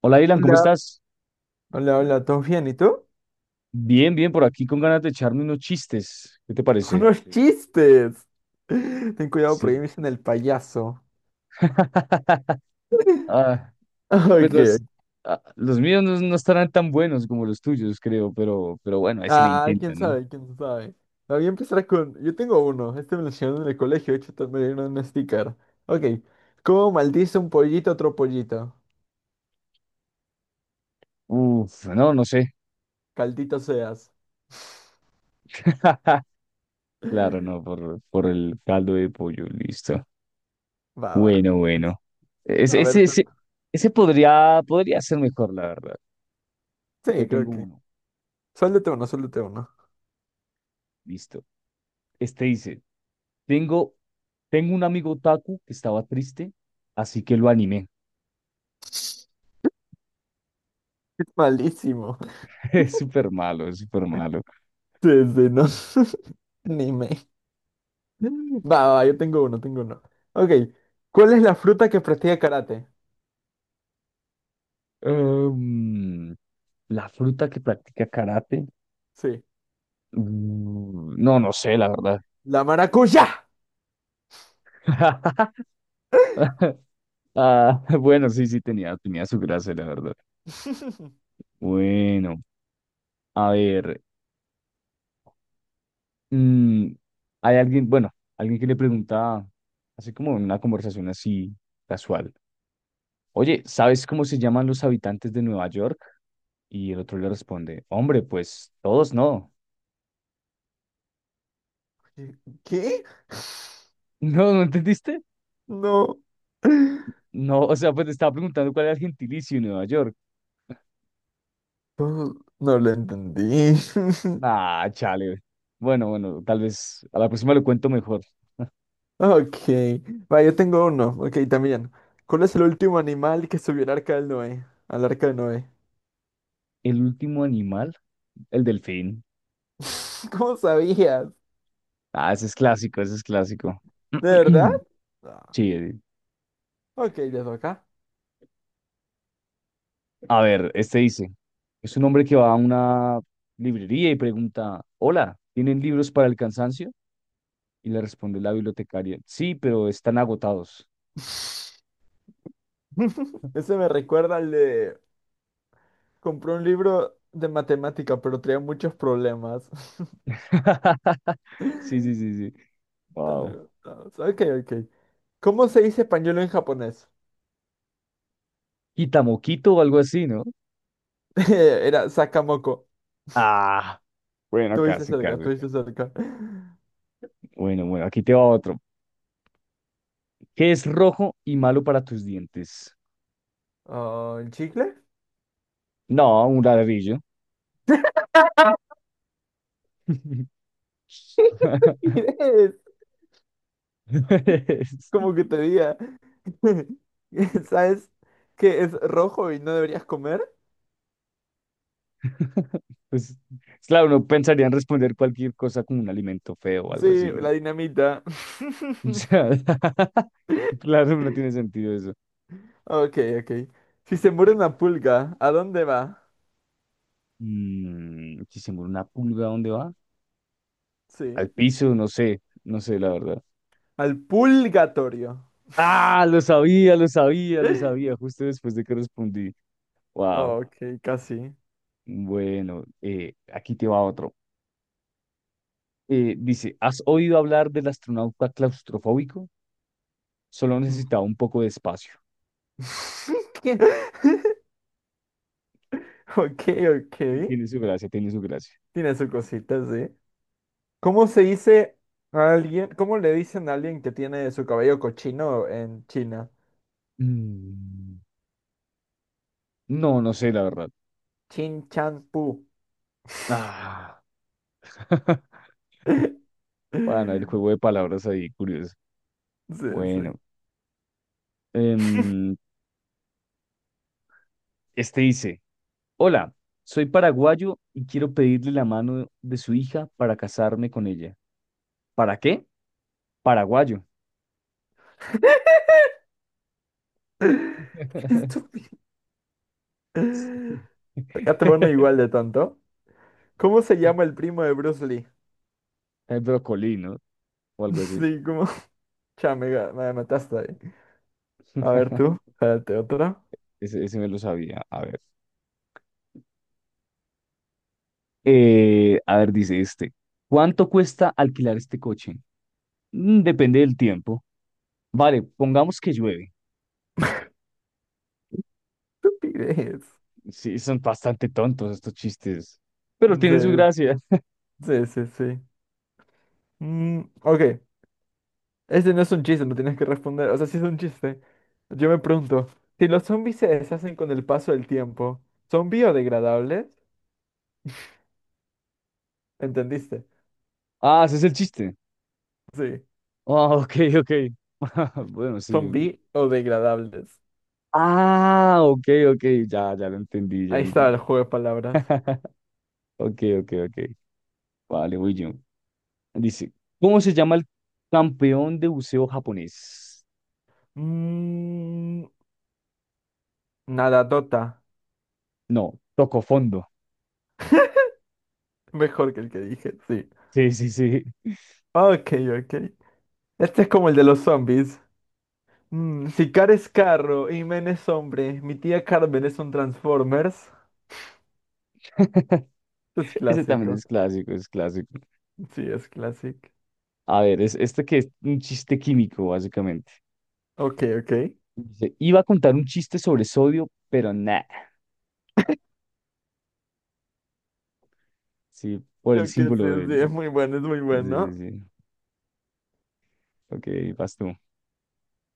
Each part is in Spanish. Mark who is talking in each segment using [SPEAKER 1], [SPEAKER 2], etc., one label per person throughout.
[SPEAKER 1] Hola, Dylan, ¿cómo
[SPEAKER 2] Hola,
[SPEAKER 1] estás?
[SPEAKER 2] hola, hola, ¿todo bien? ¿Y tú?
[SPEAKER 1] Bien, bien, por aquí con ganas de echarme unos chistes. ¿Qué te parece?
[SPEAKER 2] ¡Unos sí, chistes! Ten cuidado
[SPEAKER 1] Sí.
[SPEAKER 2] porque ahí me dicen el payaso.
[SPEAKER 1] Ah, pues
[SPEAKER 2] Ok.
[SPEAKER 1] los, los míos no, no estarán tan buenos como los tuyos, creo, pero bueno, ahí se le
[SPEAKER 2] Ah,
[SPEAKER 1] intenta,
[SPEAKER 2] quién
[SPEAKER 1] ¿no?
[SPEAKER 2] sabe, quién sabe. Ah, voy a empezar con. Yo tengo uno. Este me lo enseñaron en el colegio. De hecho, me dieron un sticker. Ok. ¿Cómo maldice un pollito a otro pollito?
[SPEAKER 1] Uf, no, no sé.
[SPEAKER 2] Caldito seas.
[SPEAKER 1] Claro, no, por el caldo de pollo, listo.
[SPEAKER 2] Va, va.
[SPEAKER 1] Bueno, bueno. Ese,
[SPEAKER 2] A
[SPEAKER 1] ese,
[SPEAKER 2] ver, tú.
[SPEAKER 1] ese, ese podría, podría ser mejor, la verdad. Te
[SPEAKER 2] Sí, creo
[SPEAKER 1] tengo
[SPEAKER 2] que.
[SPEAKER 1] uno,
[SPEAKER 2] Suéltate uno, suéltate uno.
[SPEAKER 1] listo. Este dice. Tengo, tengo un amigo Taku que estaba triste, así que lo animé.
[SPEAKER 2] Es malísimo.
[SPEAKER 1] Es súper malo, es súper malo.
[SPEAKER 2] Sí, sí, no. Anime. Va, va, yo tengo uno, tengo uno. Ok, ¿cuál es la fruta que practica karate?
[SPEAKER 1] Em, la fruta que practica karate.
[SPEAKER 2] Sí,
[SPEAKER 1] No, no sé, la verdad.
[SPEAKER 2] la maracuyá.
[SPEAKER 1] Ah, bueno, sí, sí, tenía, tenía su gracia, la verdad. Bueno, a ver. mm, Hay alguien, bueno, alguien que le pregunta, así como en una conversación así casual. Oye, ¿sabes cómo se llaman los habitantes de Nueva York? Y el otro le responde, hombre, pues todos no.
[SPEAKER 2] ¿Qué?
[SPEAKER 1] No, ¿no entendiste?
[SPEAKER 2] No.
[SPEAKER 1] No, o sea, pues te estaba preguntando cuál era el gentilicio en Nueva York.
[SPEAKER 2] No, no lo entendí.
[SPEAKER 1] Ah, chale. Bueno, bueno, tal vez a la próxima lo cuento mejor.
[SPEAKER 2] Ok, va, yo tengo uno. Ok, también. ¿Cuál es el último animal que subió al arca del Noé? Al arca de Noé.
[SPEAKER 1] El último animal, el delfín.
[SPEAKER 2] ¿Cómo sabías?
[SPEAKER 1] Ah, ese es clásico, ese es clásico.
[SPEAKER 2] ¿De verdad? Ah,
[SPEAKER 1] Sí,
[SPEAKER 2] ok, ya acá.
[SPEAKER 1] a ver, este dice, es un hombre que va a una librería y pregunta, hola, ¿tienen libros para el cansancio? Y le responde la bibliotecaria, sí, pero están agotados.
[SPEAKER 2] Ese me recuerda al de... Compré un libro de matemática, pero traía muchos problemas.
[SPEAKER 1] Sí, sí, sí, sí.
[SPEAKER 2] Tan
[SPEAKER 1] Wow.
[SPEAKER 2] agotados. Ok, ok. ¿Cómo se dice pañuelo en japonés?
[SPEAKER 1] Quitamoquito o algo así, ¿no?
[SPEAKER 2] Era sakamoko.
[SPEAKER 1] Ah, bueno,
[SPEAKER 2] Estuviste
[SPEAKER 1] casi,
[SPEAKER 2] cerca,
[SPEAKER 1] casi.
[SPEAKER 2] estuviste cerca.
[SPEAKER 1] Bueno, bueno, aquí te va otro. ¿Qué es rojo y malo para tus dientes?
[SPEAKER 2] Ah, ¿el chicle?
[SPEAKER 1] No, un ladrillo.
[SPEAKER 2] Mires, como que te diga. ¿Sabes que es rojo y no deberías comer?
[SPEAKER 1] Pues, claro, uno pensaría en responder cualquier cosa con un alimento feo o algo
[SPEAKER 2] Sí,
[SPEAKER 1] así, ¿no?
[SPEAKER 2] la dinamita.
[SPEAKER 1] O sea, claro, no tiene sentido eso.
[SPEAKER 2] Ok, ok. Si se muere una pulga, ¿a dónde va?
[SPEAKER 1] Mm, si se muere una pulga, ¿a dónde va? Al
[SPEAKER 2] Sí.
[SPEAKER 1] piso, no sé, no sé, la verdad.
[SPEAKER 2] Al purgatorio.
[SPEAKER 1] Ah, lo sabía, lo sabía, lo sabía, justo después de que respondí. Wow.
[SPEAKER 2] Ok, casi.
[SPEAKER 1] Bueno, aquí te va otro. Dice, ¿has oído hablar del astronauta claustrofóbico? Solo
[SPEAKER 2] Mm.
[SPEAKER 1] necesitaba un poco de espacio.
[SPEAKER 2] ¿Qué? Ok, ok.
[SPEAKER 1] Y tiene su gracia, tiene su gracia.
[SPEAKER 2] Tiene su cosita, sí. ¿Cómo se dice a alguien, cómo le dicen a alguien que tiene su cabello cochino en China?
[SPEAKER 1] Mm, no, no sé, la verdad.
[SPEAKER 2] Chin Chan Pu.
[SPEAKER 1] Ah, bueno, el juego de palabras ahí, curioso.
[SPEAKER 2] Sí, sí.
[SPEAKER 1] Bueno, em, este dice, hola, soy paraguayo y quiero pedirle la mano de su hija para casarme con ella. ¿Para qué? Paraguayo.
[SPEAKER 2] Estúpido.
[SPEAKER 1] Sí.
[SPEAKER 2] Acá te van igual de tanto. ¿Cómo se llama el primo de Bruce Lee?
[SPEAKER 1] El brocolí, ¿no? O algo así.
[SPEAKER 2] Sí, como. Ya, me mataste ahí. A ver tú, espérate, otra.
[SPEAKER 1] Ese me lo sabía. A ver. A ver, dice este. ¿Cuánto cuesta alquilar este coche? Mm, depende del tiempo. Vale, pongamos que llueve.
[SPEAKER 2] Estupidez.
[SPEAKER 1] Sí, son bastante tontos estos chistes. Pero tienen su
[SPEAKER 2] Sí,
[SPEAKER 1] gracia.
[SPEAKER 2] sí, sí, sí. Mm, ok, este no es un chiste, no tienes que responder. O sea, sí es un chiste. Yo me pregunto, si los zombies se deshacen con el paso del tiempo, ¿son biodegradables? ¿Entendiste?
[SPEAKER 1] Ah, ese es el chiste.
[SPEAKER 2] Sí,
[SPEAKER 1] Ah, ok, ok. Bueno,
[SPEAKER 2] son
[SPEAKER 1] sí.
[SPEAKER 2] biodegradables.
[SPEAKER 1] Ah, ok, ok. Ya, ya lo entendí, ya
[SPEAKER 2] Ahí
[SPEAKER 1] lo
[SPEAKER 2] está el
[SPEAKER 1] entendí.
[SPEAKER 2] juego de palabras.
[SPEAKER 1] Ok, ok, ok. Vale, voy yo. Dice, ¿cómo se llama el campeón de buceo japonés?
[SPEAKER 2] Mm, nadadota.
[SPEAKER 1] No, tocó fondo.
[SPEAKER 2] Mejor que el que dije, sí.
[SPEAKER 1] Sí, sí, sí.
[SPEAKER 2] Ok, ok. Este es como el de los zombies. Mm, si Car es carro y Men es hombre, mi tía Carmen es un Transformers. Es
[SPEAKER 1] Ese también
[SPEAKER 2] clásico.
[SPEAKER 1] es clásico, es clásico.
[SPEAKER 2] Sí, es clásico.
[SPEAKER 1] A ver, es este que es un chiste químico, básicamente.
[SPEAKER 2] Ok, ok.
[SPEAKER 1] Dice, iba a contar un chiste sobre sodio, pero nada. Sí, por el
[SPEAKER 2] Creo que sí,
[SPEAKER 1] símbolo
[SPEAKER 2] sí,
[SPEAKER 1] del...
[SPEAKER 2] es muy bueno, es muy
[SPEAKER 1] Sí, sí,
[SPEAKER 2] bueno.
[SPEAKER 1] sí. Ok, vas tú.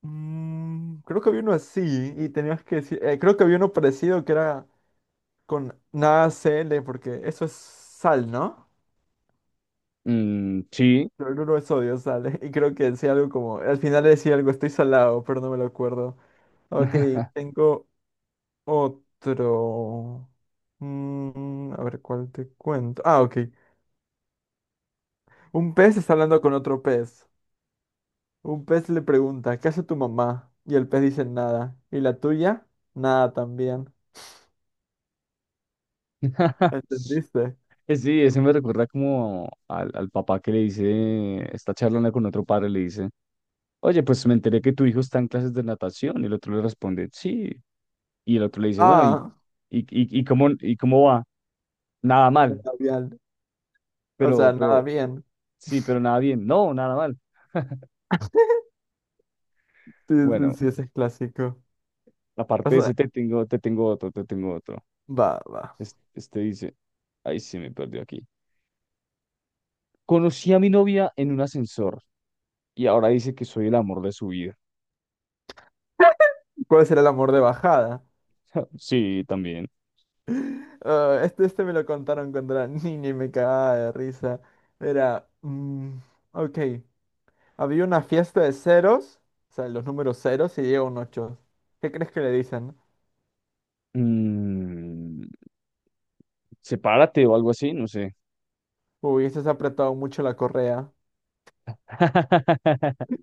[SPEAKER 2] Mm, creo que había uno así y tenías que decir, creo que había uno parecido que era con nada cl porque eso es sal, ¿no?
[SPEAKER 1] Mm, sí.
[SPEAKER 2] Cloruro de sodio, sal. Y creo que decía algo como, al final decía algo, estoy salado, pero no me lo acuerdo. Ok, tengo otro. Mm, a ver, ¿cuál te cuento? Ah, ok. Un pez está hablando con otro pez. Un pez le pregunta, ¿qué hace tu mamá? Y el pez dice nada. ¿Y la tuya? Nada también. ¿Entendiste?
[SPEAKER 1] Sí, ese me recuerda como al, al papá que le dice, está charlando con otro padre, le dice. Oye, pues me enteré que tu hijo está en clases de natación. Y el otro le responde, sí. Y el otro le dice, bueno,
[SPEAKER 2] Ah,
[SPEAKER 1] y cómo va? Nada mal.
[SPEAKER 2] labial. O sea, nada
[SPEAKER 1] Pero,
[SPEAKER 2] bien.
[SPEAKER 1] sí, pero nada bien. No, nada mal.
[SPEAKER 2] Sí, sí,
[SPEAKER 1] Bueno,
[SPEAKER 2] sí, ese es clásico. O
[SPEAKER 1] aparte de
[SPEAKER 2] sea,
[SPEAKER 1] ese, te tengo otro, te tengo otro.
[SPEAKER 2] va, va.
[SPEAKER 1] Es- Este, dice, ay, sí, me perdió aquí. Conocí a mi novia en un ascensor y ahora dice que soy el amor de su vida.
[SPEAKER 2] ¿Cuál será el amor de bajada?
[SPEAKER 1] Sí, también.
[SPEAKER 2] Ah, este me lo contaron cuando era niña y me cagaba de risa. Era, mm, ok, había una fiesta de ceros, o sea, los números ceros y llega un ocho. ¿Qué crees que le dicen?
[SPEAKER 1] Mm, sepárate o algo así, no sé.
[SPEAKER 2] ¿Hubieses apretado mucho la correa?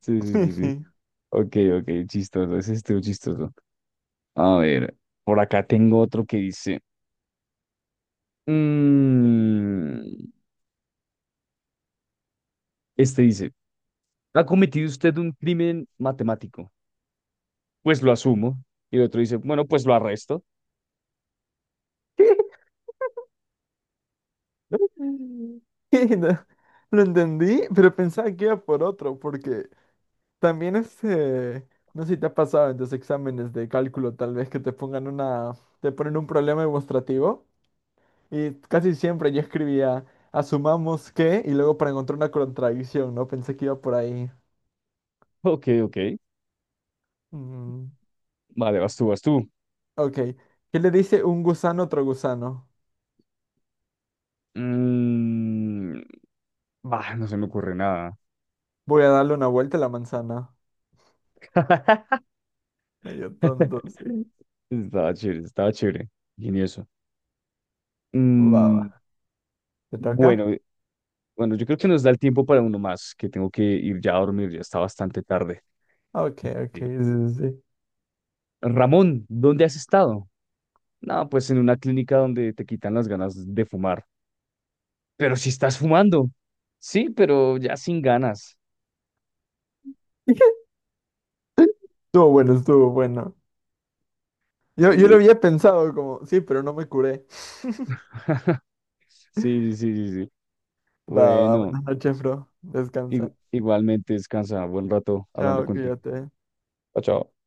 [SPEAKER 1] Sí, sí, sí, sí. Ok, ok, chistoso, ese estuvo chistoso. A ver, por acá tengo otro que dice, mm, este dice, ¿ha cometido usted un crimen matemático? Pues lo asumo. Y el otro dice, bueno, pues lo arresto.
[SPEAKER 2] ¿Qué? ¿Qué? No, lo entendí, pero pensaba que iba por otro, porque también este, no sé si te ha pasado en tus exámenes de cálculo, tal vez que te pongan una, te ponen un problema demostrativo, y casi siempre yo escribía, asumamos que, y luego para encontrar una contradicción, ¿no? Pensé que iba por ahí.
[SPEAKER 1] Ok, ok,
[SPEAKER 2] Mm,
[SPEAKER 1] vale, vas tú, vas tú.
[SPEAKER 2] ok. ¿Qué le dice un gusano a otro gusano?
[SPEAKER 1] Mm, bah, no se me ocurre nada.
[SPEAKER 2] Voy a darle una vuelta a la manzana. Medio tonto, sí.
[SPEAKER 1] Estaba chévere, ingenioso.
[SPEAKER 2] Va,
[SPEAKER 1] Mm,
[SPEAKER 2] va. ¿Te toca?
[SPEAKER 1] bueno, bueno, yo creo que nos da el tiempo para uno más, que tengo que ir ya a dormir, ya está bastante tarde.
[SPEAKER 2] Ok, ok,
[SPEAKER 1] Sí.
[SPEAKER 2] sí, sí, sí.
[SPEAKER 1] Ramón, ¿dónde has estado? No, pues en una clínica donde te quitan las ganas de fumar. Pero si estás fumando. Sí, pero ya sin ganas.
[SPEAKER 2] Estuvo bueno, estuvo bueno. Yo lo
[SPEAKER 1] Sí,
[SPEAKER 2] había pensado como, sí, pero no me curé.
[SPEAKER 1] sí, sí, sí, sí.
[SPEAKER 2] Va, va,
[SPEAKER 1] Bueno,
[SPEAKER 2] buenas noches, bro.
[SPEAKER 1] igu-
[SPEAKER 2] Descansa.
[SPEAKER 1] igualmente descansa. Buen rato hablando
[SPEAKER 2] Chao,
[SPEAKER 1] contigo.
[SPEAKER 2] cuídate.
[SPEAKER 1] Chao, chao.